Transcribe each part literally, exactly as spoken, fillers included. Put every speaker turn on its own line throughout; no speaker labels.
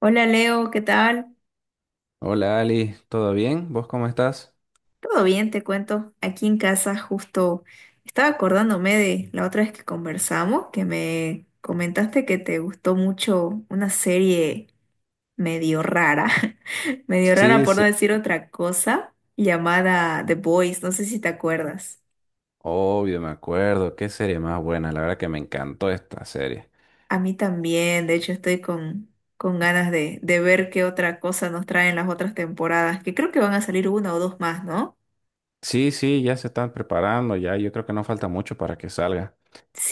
Hola Leo, ¿qué tal?
Hola Ali, ¿todo bien? ¿Vos cómo estás?
Todo bien, te cuento. Aquí en casa justo estaba acordándome de la otra vez que conversamos, que me comentaste que te gustó mucho una serie medio rara, medio rara
Sí,
por no
sí,
decir otra cosa, llamada The Boys, no sé si te acuerdas.
obvio, me acuerdo. Qué serie más buena. La verdad que me encantó esta serie.
A mí también, de hecho estoy con, con ganas de, de ver qué otra cosa nos traen las otras temporadas, que creo que van a salir una o dos más, ¿no?
Sí, sí, ya se están preparando, ya yo creo que no falta mucho para que salga.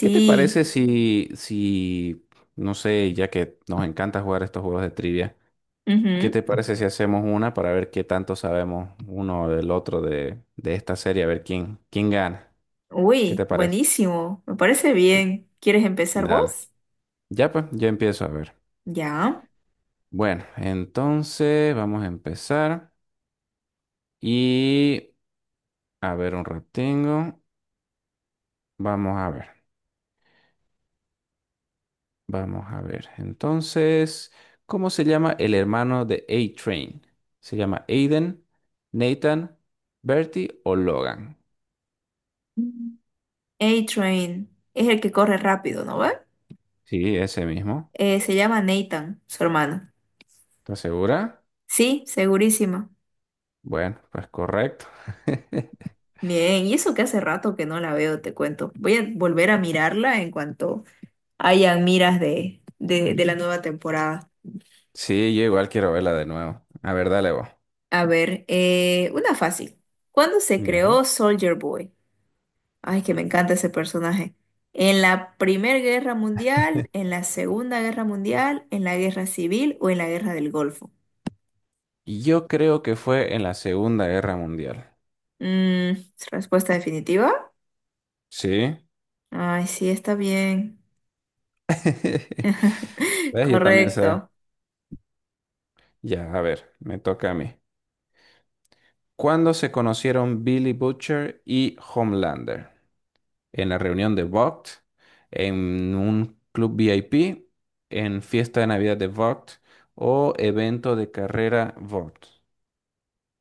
¿Qué te parece si, si, no sé, ya que nos encanta jugar estos juegos de trivia, ¿qué te parece si hacemos una para ver qué tanto sabemos uno del otro de, de esta serie, a ver quién, quién gana? ¿Qué
Uy,
te parece?
buenísimo. Me parece bien. ¿Quieres empezar
Dale.
vos?
Ya pues, ya empiezo a ver.
Ya.
Bueno, entonces vamos a empezar. Y a ver, un retengo. Vamos a ver. Vamos a ver. Entonces, ¿cómo se llama el hermano de A-Train? ¿Se llama Aiden, Nathan, Bertie o Logan?
Mm. A-Train es el que corre rápido, ¿no ve?
Sí, ese mismo.
Eh, se llama Nathan, su hermano.
¿Estás segura?
Sí, segurísima.
Bueno, pues correcto.
Bien, y eso que hace rato que no la veo, te cuento. Voy a volver a mirarla en cuanto hayan miras de, de, de la nueva temporada.
Sí, yo igual quiero verla de nuevo. A ver, dale vos.
A ver, eh, una fácil. ¿Cuándo se
Ya.
creó Soldier Boy? Ay, que me encanta ese personaje. En la Primera Guerra Mundial, en la Segunda Guerra Mundial, en la Guerra Civil o en la Guerra del Golfo.
Yo creo que fue en la Segunda Guerra Mundial.
Mm, Respuesta definitiva.
Sí.
Ay, sí, está bien.
¿Ves? Yo también sé.
Correcto.
Ya, a ver, me toca a mí. ¿Cuándo se conocieron Billy Butcher y Homelander? ¿En la reunión de VOGT? ¿En un club VIP? ¿En fiesta de Navidad de VOGT? ¿O evento de carrera VOGT?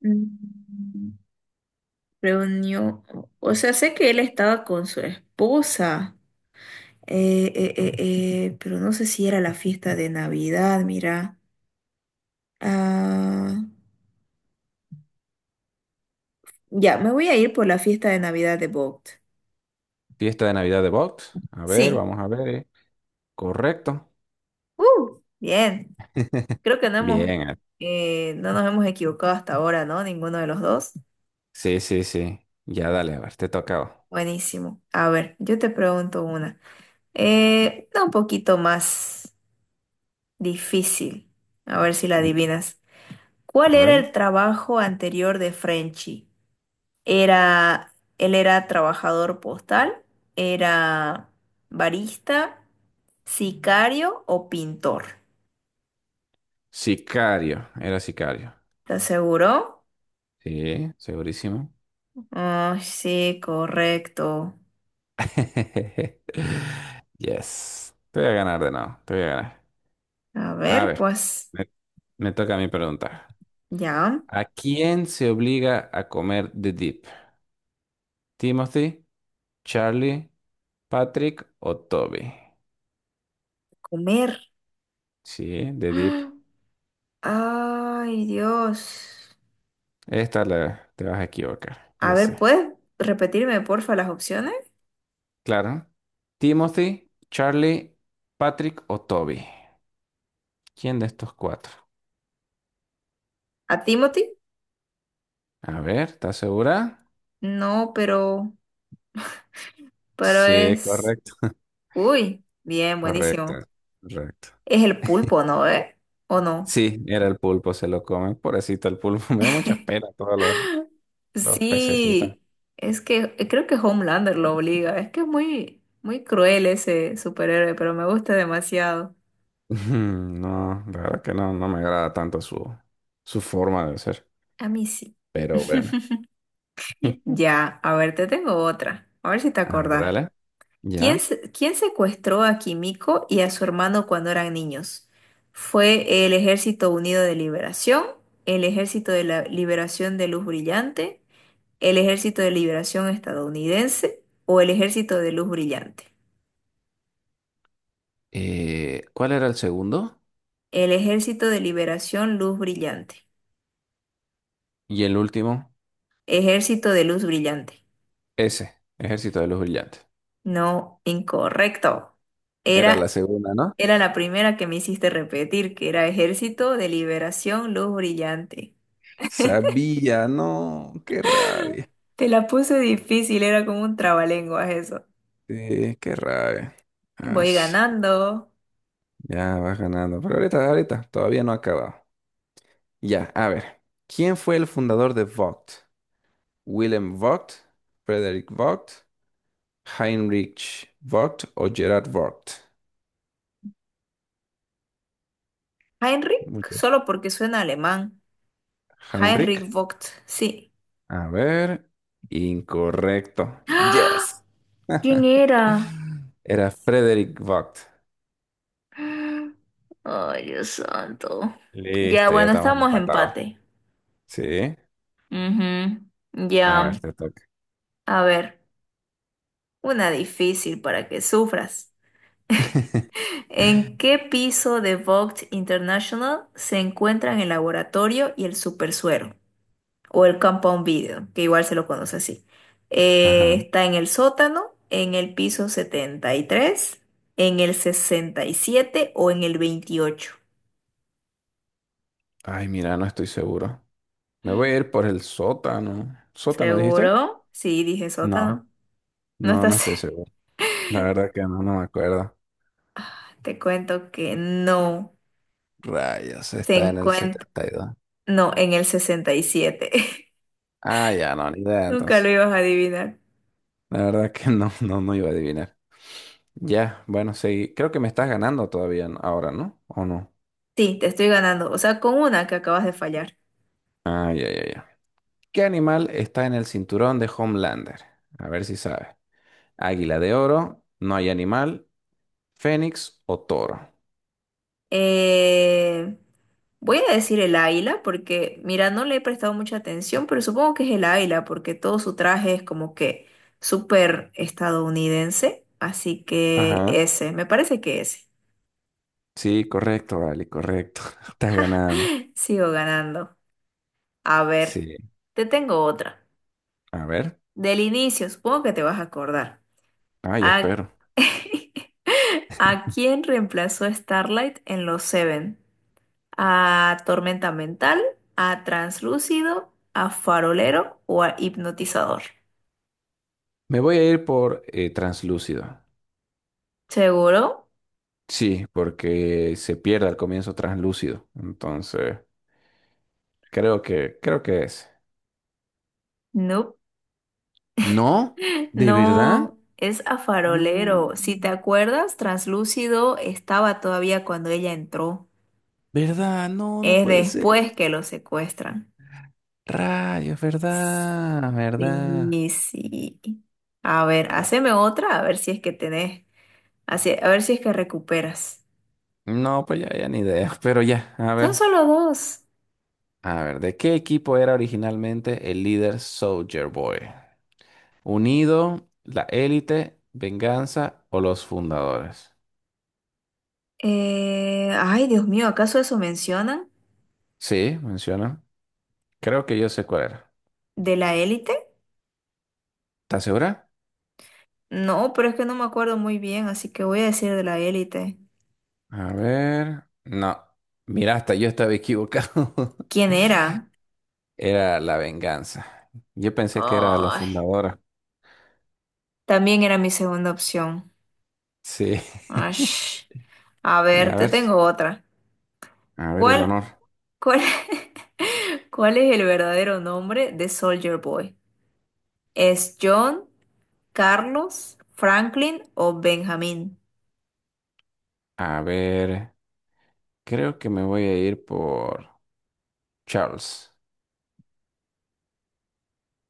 Mm, Reunió, o sea, sé que él estaba con su esposa, eh, eh, eh, eh, pero no sé si era la fiesta de Navidad, mira. Ah, ya, me voy a ir por la fiesta de Navidad de Vogt.
¿Fiesta de Navidad de VOGT? A ver,
Sí.
vamos a ver. eh. Correcto.
Uh, bien, creo que no hemos,
Bien. Eh.
eh, no nos hemos equivocado hasta ahora, ¿no? Ninguno de los dos.
Sí, sí, sí. Ya dale, a ver, te tocaba.
Buenísimo. A ver, yo te pregunto una. Eh, una un poquito más difícil. A ver si la
Mm,
adivinas. ¿Cuál
A
era
ver.
el trabajo anterior de Frenchy? Era, él era trabajador postal, era barista, sicario o pintor.
Sicario. Era sicario.
¿Te aseguró?
Sí, segurísimo.
Ah, sí, correcto.
Yes. Te voy a ganar de nuevo. Te voy a ganar.
A
A
ver,
ver,
pues,
me, me toca a mí preguntar.
ya,
¿A quién se obliga a comer The Deep? ¿Timothy, Charlie, Patrick o Toby?
comer.
Sí, The Deep.
¡Ah! Ay, Dios.
Esta la, te vas a equivocar,
A
yo
ver,
sé.
¿puedes repetirme, porfa, las opciones?
Claro. Timothy, Charlie, Patrick o Toby. ¿Quién de estos cuatro?
¿A Timothy?
A ver, ¿estás segura?
No, pero, pero
Sí,
es...
correcto.
Uy, bien,
Correcto,
buenísimo.
correcto.
Es el pulpo, ¿no? ¿Eh? ¿O no?
Sí, era el pulpo, se lo comen. Pobrecito el pulpo, me da mucha pena todos los, los pececitos.
Sí, es que eh, creo que Homelander lo obliga. Es que es muy, muy cruel ese superhéroe, pero me gusta demasiado.
Ujú. No, la verdad que no, no me agrada tanto su, su forma de ser.
A mí sí.
Pero bueno.
Ya, a ver, te tengo otra. A ver si te
A ver,
acordás.
dale.
¿Quién,
Ya.
se- quién secuestró a Kimiko y a su hermano cuando eran niños? ¿Fue el Ejército Unido de Liberación, el Ejército de la Liberación de Luz Brillante, el Ejército de Liberación Estadounidense o el Ejército de Luz Brillante?
Eh, ¿cuál era el segundo?
El Ejército de Liberación Luz Brillante.
Y el último,
Ejército de Luz Brillante.
ese, Ejército de los Brillantes.
No, incorrecto.
Era
Era
la segunda, ¿no?
Era la primera que me hiciste repetir, que era Ejército de Liberación Luz Brillante.
Sabía, no, qué rabia.
Te la puse difícil, era como un trabalenguas eso.
Sí, qué rabia.
Voy
Ash,
ganando.
ya vas ganando. Pero ahorita, ahorita todavía no ha acabado. Ya, a ver. ¿Quién fue el fundador de Vogt? Willem Vogt, Frederick Vogt, Heinrich Vogt o Gerard Vogt.
Heinrich,
Muchos.
solo porque suena alemán.
Heinrich.
Heinrich Vogt, sí.
A ver. Incorrecto.
¡Ah!
Yes.
¿Quién era?
Era Frederick Vogt.
Ay, Dios santo. Ya,
Listo, ya
bueno,
estamos
estamos
empatados.
empate.
Sí.
Ujú,
A
ya,
ver, te toca.
a ver, una difícil para que sufras. ¿En qué piso de Vogt International se encuentran el laboratorio y el supersuero? O el compound video, que igual se lo conoce así. Eh,
Ajá.
está en el sótano, en el piso setenta y tres, en el sesenta y siete o en el veintiocho.
Ay, mira, no estoy seguro. Me voy a ir por el sótano. ¿Sótano dijiste?
¿Seguro? Sí, dije
No.
sótano. No
No, no
estás.
estoy seguro. La verdad que no, no me acuerdo.
Te cuento que no.
Rayos,
Se
está en el
encuentra.
setenta y dos.
No, en el sesenta y siete.
Ah, ya no, ni idea
Nunca
entonces.
lo ibas a adivinar.
La verdad que no, no, no iba a adivinar. Ya, bueno, sí. Creo que me estás ganando todavía, ¿no? Ahora, ¿no? ¿O no?
Sí, te estoy ganando. O sea, con una que acabas de fallar.
Ah, ya, ya, ya. ¿Qué animal está en el cinturón de Homelander? A ver si sabes. Águila de oro, no hay animal, fénix o toro.
Eh, Voy a decir el águila porque, mira, no le he prestado mucha atención, pero supongo que es el águila porque todo su traje es como que súper estadounidense. Así que
Ajá.
ese, me parece que ese.
Sí, correcto, vale, correcto. Estás ganando.
Sigo ganando. A ver,
Sí.
te tengo otra.
A ver.
Del inicio, supongo que te vas a acordar.
Ay,
¿A,
espero.
¿A quién reemplazó Starlight en los Seven? A tormenta mental, a translúcido, a farolero o a hipnotizador.
Me voy a ir por eh, translúcido.
¿Seguro?
Sí, porque se pierde al comienzo translúcido. Entonces, creo que, creo que es.
No.
¿No? ¿De verdad?
No, es a
No.
farolero. Si te acuerdas, translúcido estaba todavía cuando ella entró.
¿Verdad? No, no
Es
puede
después
ser.
que lo secuestran.
Rayos, ¿verdad? ¿Verdad?
Sí, sí. A ver,
Ah,
haceme otra, a ver si es que tenés, así- a ver si es que recuperas.
no, pues ya, ya ni idea. Pero ya, a
Son
ver.
solo dos.
A ver, ¿de qué equipo era originalmente el líder Soldier Boy? ¿Unido, la élite, venganza o los fundadores?
Eh, ay, Dios mío, ¿acaso eso mencionan?
Sí, menciona. Creo que yo sé cuál era.
¿De la élite?
¿Estás segura?
No, pero es que no me acuerdo muy bien, así que voy a decir de la élite.
A ver. No. Mira, hasta yo estaba equivocado.
¿Quién era?
Era la venganza. Yo pensé que era la
Ay,
fundadora.
también era mi segunda opción.
Sí.
Ash. A
Y
ver,
a
te
ver,
tengo otra.
a ver el
¿Cuál,
honor.
cuál, ¿Cuál es el verdadero nombre de Soldier Boy? ¿Es John, Carlos, Franklin o Benjamín?
A ver, creo que me voy a ir por Charles.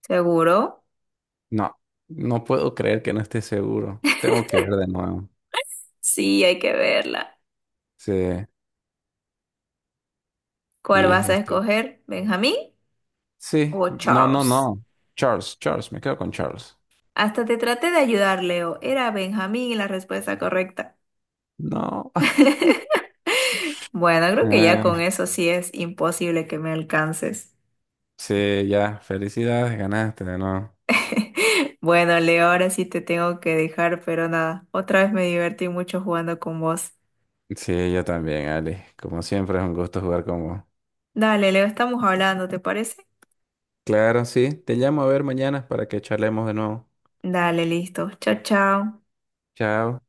¿Seguro?
No, no puedo creer que no esté seguro. Tengo que ver de nuevo.
Sí, hay que verla.
Sí.
¿Cuál
Y
vas a
este.
escoger? ¿Benjamín
Sí,
o
no, no,
Charles?
no. Charles, Charles, me quedo con Charles.
Hasta te traté de ayudar, Leo. Era Benjamín la respuesta correcta.
No.
Bueno, creo que ya con
Eh,
eso sí es imposible que me alcances.
sí, ya, felicidades, ganaste de nuevo.
Bueno, Leo, ahora sí te tengo que dejar, pero nada, otra vez me divertí mucho jugando con vos.
Sí, yo también, Ali. Como siempre, es un gusto jugar con vos.
Dale, Leo, estamos hablando, ¿te parece?
Claro, sí. Te llamo a ver mañana para que charlemos de nuevo.
Dale, listo. Chao, chao.
Chao.